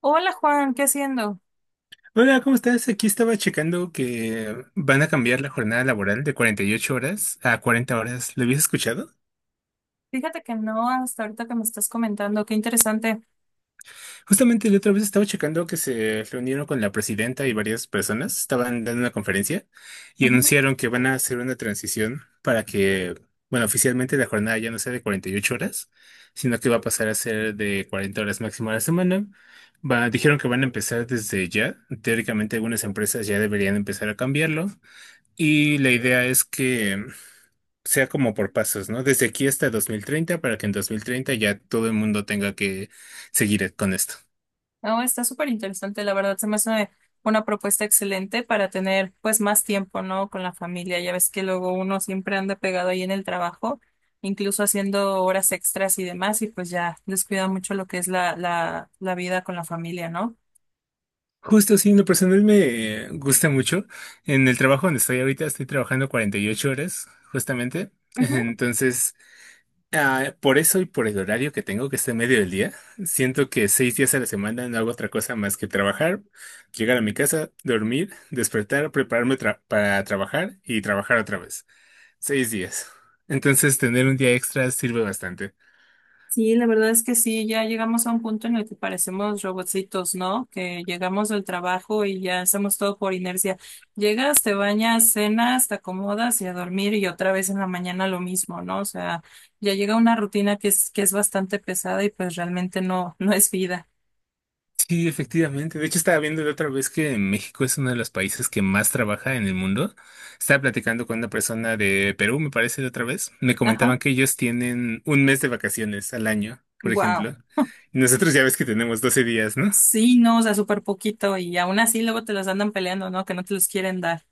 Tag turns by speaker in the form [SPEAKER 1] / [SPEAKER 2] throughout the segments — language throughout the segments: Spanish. [SPEAKER 1] Hola Juan, ¿qué haciendo?
[SPEAKER 2] Hola, ¿cómo estás? Aquí estaba checando que van a cambiar la jornada laboral de 48 horas a 40 horas. ¿Lo habías escuchado?
[SPEAKER 1] Fíjate que no, hasta ahorita que me estás comentando, qué interesante.
[SPEAKER 2] Justamente la otra vez estaba checando que se reunieron con la presidenta y varias personas, estaban dando una conferencia y
[SPEAKER 1] Ujú.
[SPEAKER 2] anunciaron que van a hacer una transición para que, bueno, oficialmente la jornada ya no sea de 48 horas, sino que va a pasar a ser de 40 horas máximo a la semana. Dijeron que van a empezar desde ya. Teóricamente algunas empresas ya deberían empezar a cambiarlo. Y la idea es que sea como por pasos, ¿no? Desde aquí hasta 2030 para que en 2030 ya todo el mundo tenga que seguir con esto.
[SPEAKER 1] No, está súper interesante, la verdad, se me hace una propuesta excelente para tener pues más tiempo, ¿no? Con la familia, ya ves que luego uno siempre anda pegado ahí en el trabajo, incluso haciendo horas extras y demás, y pues ya descuida mucho lo que es la vida con la familia, ¿no?
[SPEAKER 2] Justo, sí, en lo personal me gusta mucho. En el trabajo donde estoy ahorita estoy trabajando 48 horas, justamente. Entonces, por eso y por el horario que tengo, que está en medio del día, siento que 6 días a la semana no hago otra cosa más que trabajar, llegar a mi casa, dormir, despertar, prepararme para trabajar y trabajar otra vez. 6 días. Entonces, tener un día extra sirve bastante.
[SPEAKER 1] Sí, la verdad es que sí, ya llegamos a un punto en el que parecemos robotcitos, ¿no? Que llegamos del trabajo y ya hacemos todo por inercia. Llegas, te bañas, cenas, te acomodas y a dormir y otra vez en la mañana lo mismo, ¿no? O sea, ya llega una rutina que es bastante pesada y pues realmente no, no es vida.
[SPEAKER 2] Sí, efectivamente. De hecho, estaba viendo la otra vez que México es uno de los países que más trabaja en el mundo. Estaba platicando con una persona de Perú, me parece, de otra vez. Me
[SPEAKER 1] Ajá.
[SPEAKER 2] comentaban que ellos tienen un mes de vacaciones al año, por
[SPEAKER 1] Wow.
[SPEAKER 2] ejemplo. Y nosotros ya ves que tenemos 12 días, ¿no?
[SPEAKER 1] Sí, no, o sea, súper poquito y aún así luego te los andan peleando, ¿no? Que no te los quieren dar.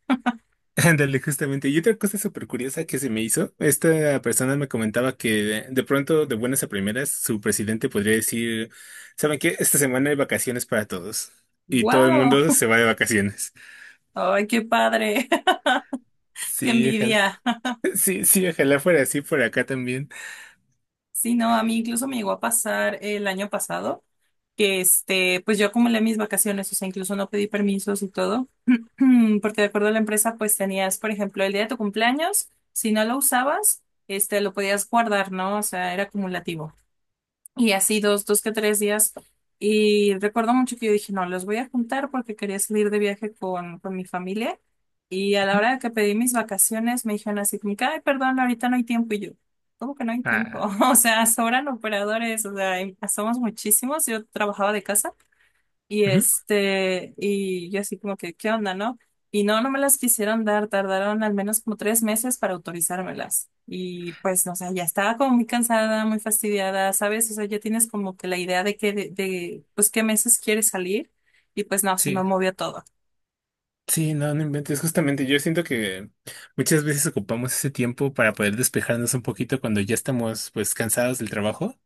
[SPEAKER 2] Ándale, justamente. Y otra cosa súper curiosa que se me hizo, esta persona me comentaba que de pronto, de buenas a primeras, su presidente podría decir, ¿saben qué? Esta semana hay vacaciones para todos. Y todo el
[SPEAKER 1] Wow.
[SPEAKER 2] mundo se va de vacaciones.
[SPEAKER 1] Ay, qué padre. Qué
[SPEAKER 2] Sí, ojalá.
[SPEAKER 1] envidia.
[SPEAKER 2] Sí, sí, ojalá fuera así por acá también.
[SPEAKER 1] Sí, no, a mí incluso me llegó a pasar el año pasado que este, pues yo acumulé mis vacaciones, o sea, incluso no pedí permisos y todo, porque de acuerdo a la empresa, pues tenías, por ejemplo, el día de tu cumpleaños, si no lo usabas, este, lo podías guardar, ¿no? O sea, era acumulativo. Y así dos que tres días. Y recuerdo mucho que yo dije, no, los voy a juntar porque quería salir de viaje con mi familia. Y a la hora que pedí mis vacaciones, me dijeron así, como que, ay, perdón, ahorita no hay tiempo. Y yo, ¿cómo que no hay tiempo?
[SPEAKER 2] Ah,
[SPEAKER 1] O sea, sobran operadores, o sea, somos muchísimos. Yo trabajaba de casa. Y
[SPEAKER 2] ujú,
[SPEAKER 1] este, y yo así como que, ¿qué onda, no? Y no, no me las quisieron dar, tardaron al menos como 3 meses para autorizármelas. Y pues, no, o sea, ya estaba como muy cansada, muy fastidiada, ¿sabes? O sea, ya tienes como que la idea de que, pues, qué meses quieres salir. Y pues, no, se me
[SPEAKER 2] sí,
[SPEAKER 1] movió todo.
[SPEAKER 2] sí, no, no inventes. Justamente yo siento que muchas veces ocupamos ese tiempo para poder despejarnos un poquito cuando ya estamos pues cansados del trabajo.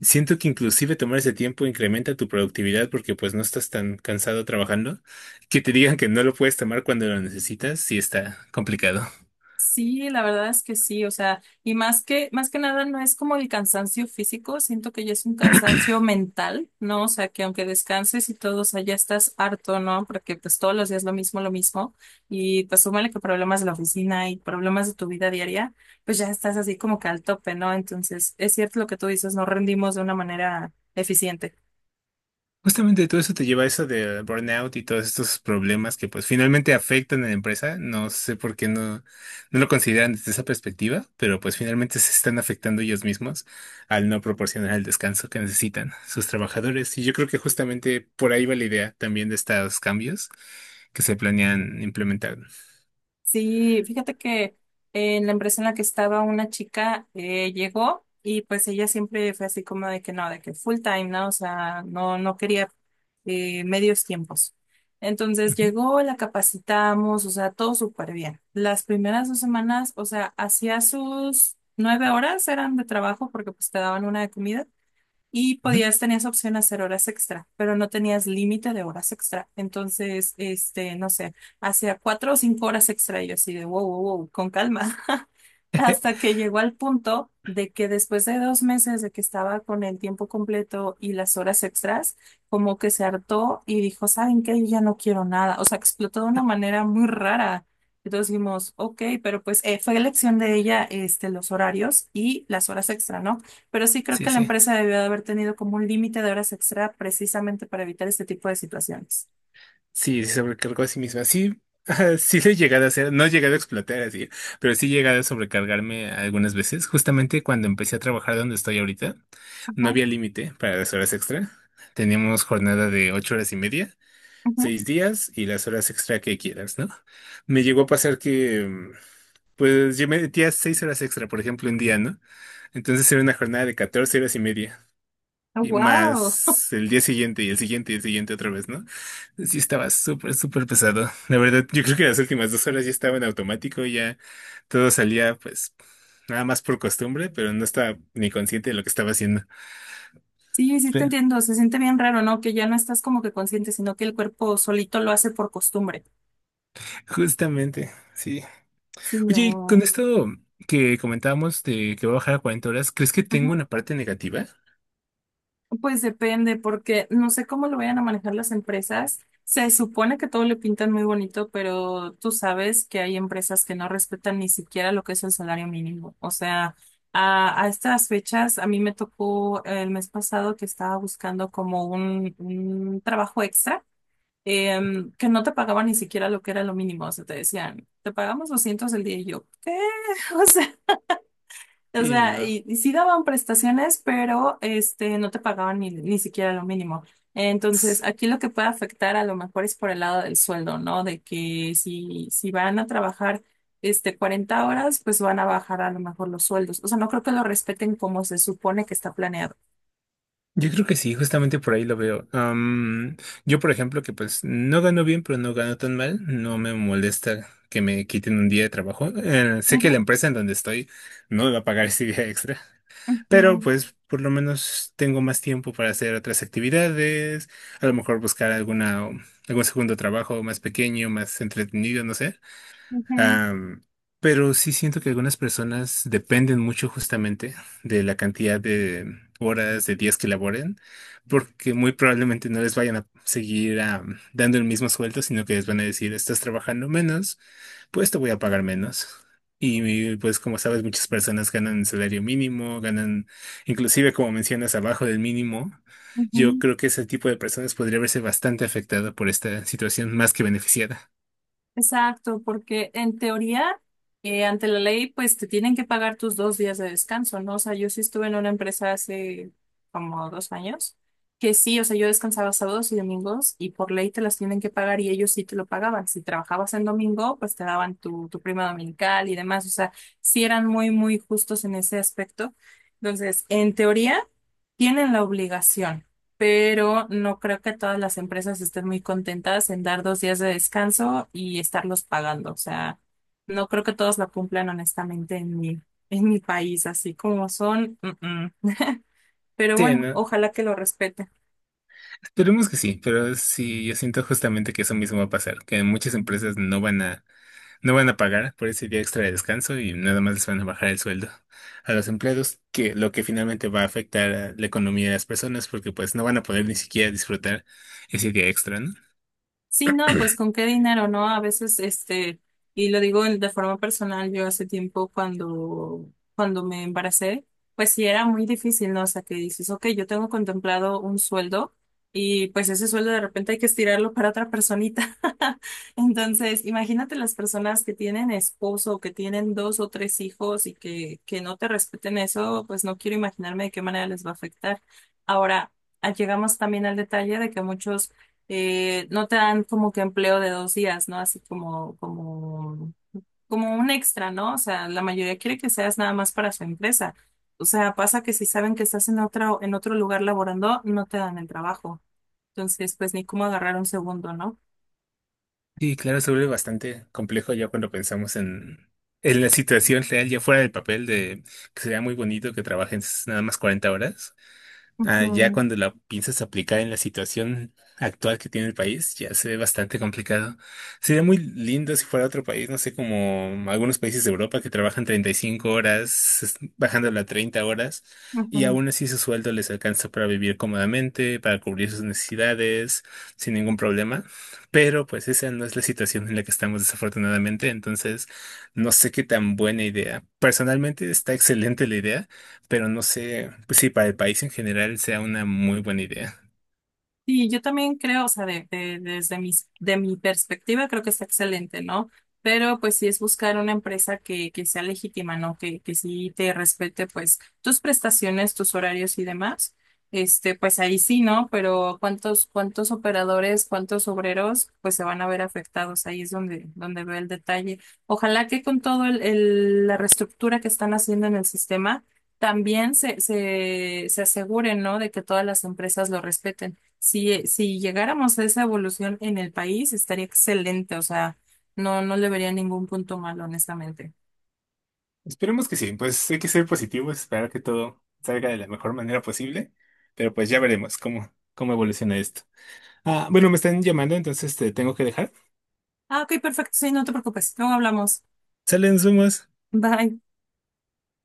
[SPEAKER 2] Siento que inclusive tomar ese tiempo incrementa tu productividad porque pues no estás tan cansado trabajando. Que te digan que no lo puedes tomar cuando lo necesitas, sí está complicado.
[SPEAKER 1] Sí, la verdad es que sí, o sea, y más que nada no es como el cansancio físico, siento que ya es un cansancio mental, ¿no? O sea, que aunque descanses y todo, o sea, ya estás harto, ¿no? Porque pues todos los días lo mismo, y pues súmale que problemas de la oficina y problemas de tu vida diaria, pues ya estás así como que al tope, ¿no? Entonces, es cierto lo que tú dices, no rendimos de una manera eficiente.
[SPEAKER 2] Justamente todo eso te lleva a eso del burnout y todos estos problemas que pues finalmente afectan a la empresa. No sé por qué no lo consideran desde esa perspectiva, pero pues finalmente se están afectando ellos mismos al no proporcionar el descanso que necesitan sus trabajadores. Y yo creo que justamente por ahí va la idea también de estos cambios que se planean implementar.
[SPEAKER 1] Sí, fíjate que en la empresa en la que estaba una chica llegó y pues ella siempre fue así como de que no, de que full time, ¿no? O sea, no, no quería medios tiempos. Entonces
[SPEAKER 2] Ujú,
[SPEAKER 1] llegó, la capacitamos, o sea, todo súper bien. Las primeras 2 semanas, o sea, hacía sus 9 horas eran de trabajo porque pues te daban una de comida. Y
[SPEAKER 2] ujú.
[SPEAKER 1] podías, tenías opción a hacer horas extra, pero no tenías límite de horas extra. Entonces, este, no sé, hacía 4 o 5 horas extra y yo así de wow, wow, wow, con calma. Hasta que llegó al punto de que después de 2 meses de que estaba con el tiempo completo y las horas extras, como que se hartó y dijo, ¿saben qué? Yo ya no quiero nada. O sea, explotó de una manera muy rara. Entonces dijimos, ok, pero pues fue elección de ella, este, los horarios y las horas extra, ¿no? Pero sí creo
[SPEAKER 2] Sí,
[SPEAKER 1] que la
[SPEAKER 2] sí,
[SPEAKER 1] empresa debió de haber tenido como un límite de horas extra precisamente para evitar este tipo de situaciones.
[SPEAKER 2] sí, se sobrecargó a sí misma. Sí, sí lo he llegado a hacer, no he llegado a explotar así, pero sí he llegado a sobrecargarme algunas veces. Justamente cuando empecé a trabajar donde estoy ahorita, no
[SPEAKER 1] Ajá.
[SPEAKER 2] había límite para las horas extra. Teníamos jornada de 8 horas y media, 6 días y las horas extra que quieras, ¿no? Me llegó a pasar que, pues yo me metía 6 horas extra, por ejemplo, un día, ¿no? Entonces era una jornada de 14 horas y media. Y
[SPEAKER 1] Wow.
[SPEAKER 2] más el día siguiente y el siguiente y el siguiente otra vez, ¿no? Sí estaba súper, súper pesado. La verdad, yo creo que las últimas 2 horas ya estaba en automático, ya todo salía pues nada más por costumbre, pero no estaba ni consciente de lo que estaba haciendo.
[SPEAKER 1] Sí, sí te
[SPEAKER 2] Espera,
[SPEAKER 1] entiendo. Se siente bien raro, ¿no? Que ya no estás como que consciente, sino que el cuerpo solito lo hace por costumbre.
[SPEAKER 2] justamente, sí.
[SPEAKER 1] Sí,
[SPEAKER 2] Oye, y con
[SPEAKER 1] no.
[SPEAKER 2] esto que comentábamos de que va a bajar a 40 horas, ¿crees que tengo una parte negativa?
[SPEAKER 1] Pues depende, porque no sé cómo lo vayan a manejar las empresas. Se supone que todo le pintan muy bonito, pero tú sabes que hay empresas que no respetan ni siquiera lo que es el salario mínimo. O sea, a estas fechas, a mí me tocó el mes pasado que estaba buscando como un, trabajo extra, que no te pagaban ni siquiera lo que era lo mínimo. O sea, te decían, te pagamos 200 el día y yo, ¿qué? O sea,
[SPEAKER 2] Sí, no.
[SPEAKER 1] y sí daban prestaciones, pero no te pagaban ni siquiera lo mínimo. Entonces, aquí lo que puede afectar a lo mejor es por el lado del sueldo, ¿no? De que si, van a trabajar 40 horas, pues van a bajar a lo mejor los sueldos. O sea, no creo que lo respeten como se supone que está planeado.
[SPEAKER 2] Yo creo que sí, justamente por ahí lo veo. Yo, por ejemplo, que pues no gano bien, pero no gano tan mal, no me molesta que me quiten un día de trabajo. Sé que
[SPEAKER 1] Ujú,
[SPEAKER 2] la empresa en donde estoy no me va a pagar ese día extra, pero
[SPEAKER 1] ujú,
[SPEAKER 2] pues por lo menos tengo más tiempo para hacer otras actividades, a lo mejor buscar alguna, algún segundo trabajo más pequeño, más entretenido, no sé.
[SPEAKER 1] ujú,
[SPEAKER 2] Am, pero sí siento que algunas personas dependen mucho justamente de la cantidad de horas, de días que laboren, porque muy probablemente no les vayan a seguir dando el mismo sueldo, sino que les van a decir, estás trabajando menos, pues te voy a pagar menos. Y pues como sabes, muchas personas ganan salario mínimo, ganan inclusive como mencionas, abajo del mínimo. Yo
[SPEAKER 1] ujú.
[SPEAKER 2] creo que ese tipo de personas podría verse bastante afectada por esta situación más que beneficiada.
[SPEAKER 1] Exacto, porque en teoría, ante la ley, pues te tienen que pagar tus 2 días de descanso, ¿no? O sea, yo sí estuve en una empresa hace como 2 años, que sí, o sea, yo descansaba sábados y domingos y por ley te las tienen que pagar y ellos sí te lo pagaban. Si trabajabas en domingo, pues te daban tu prima dominical y demás. O sea, sí eran muy, muy justos en ese aspecto. Entonces, en teoría tienen la obligación, pero no creo que todas las empresas estén muy contentas en dar 2 días de descanso y estarlos pagando. O sea, no creo que todos la cumplan honestamente en mi país, así como son. Mm, mm. Pero
[SPEAKER 2] Sí,
[SPEAKER 1] bueno,
[SPEAKER 2] ¿no?
[SPEAKER 1] ojalá que lo respeten.
[SPEAKER 2] Esperemos que sí, pero sí, yo siento justamente que eso mismo va a pasar, que muchas empresas no van a pagar por ese día extra de descanso y nada más les van a bajar el sueldo a los empleados, que lo que finalmente va a afectar a la economía de las personas, porque pues no van a poder ni siquiera disfrutar ese día extra, ¿no?
[SPEAKER 1] Sí, no, pues con qué dinero, ¿no? A veces, y lo digo de forma personal, yo hace tiempo cuando, me embaracé, pues sí era muy difícil, ¿no? O sea, que dices, ok, yo tengo contemplado un sueldo y pues ese sueldo de repente hay que estirarlo para otra personita. Entonces, imagínate las personas que tienen esposo, que tienen dos o tres hijos y que no te respeten eso, pues no quiero imaginarme de qué manera les va a afectar. Ahora, llegamos también al detalle de que muchos no te dan como que empleo de 2 días, ¿no? Así como un extra, ¿no? O sea, la mayoría quiere que seas nada más para su empresa. O sea, pasa que si saben que estás en otro lugar laborando, no te dan el trabajo. Entonces, pues ni cómo agarrar un segundo, ¿no?
[SPEAKER 2] Sí, claro, se vuelve bastante complejo ya cuando pensamos en la situación real, ya fuera del papel de que sería muy bonito que trabajes nada más 40 horas. Ah, ya
[SPEAKER 1] Ujú,
[SPEAKER 2] cuando la piensas aplicar en la situación actual que tiene el país, ya se ve bastante complicado. Sería muy lindo si fuera otro país, no sé, como algunos países de Europa que trabajan 35 horas, bajándola a 30 horas, y
[SPEAKER 1] ujú.
[SPEAKER 2] aún así su sueldo les alcanza para vivir cómodamente, para cubrir sus necesidades, sin ningún problema. Pero pues esa no es la situación en la que estamos desafortunadamente, entonces no sé qué tan buena idea. Personalmente está excelente la idea, pero no sé, pues sí, para el país en general sea una muy buena idea.
[SPEAKER 1] Sí, yo también creo, o sea, de mi perspectiva creo que está excelente, ¿no? Pero pues sí es buscar una empresa que sea legítima, ¿no? Que sí te respete pues tus prestaciones, tus horarios y demás. Pues ahí sí, ¿no? Pero ¿cuántos operadores, cuántos obreros pues se van a ver afectados? Ahí es donde veo el detalle. Ojalá que con todo la reestructura que están haciendo en el sistema, también se aseguren, ¿no? De que todas las empresas lo respeten. Si llegáramos a esa evolución en el país, estaría excelente. O sea, no, no le vería ningún punto malo, honestamente.
[SPEAKER 2] Esperemos que sí, pues hay que ser positivos, esperar que todo salga de la mejor manera posible, pero pues ya veremos cómo evoluciona esto. Ah, bueno, me están llamando, entonces te tengo que dejar.
[SPEAKER 1] Ah, ok, perfecto. Sí, no te preocupes. Luego hablamos.
[SPEAKER 2] Salen sumas.
[SPEAKER 1] Bye.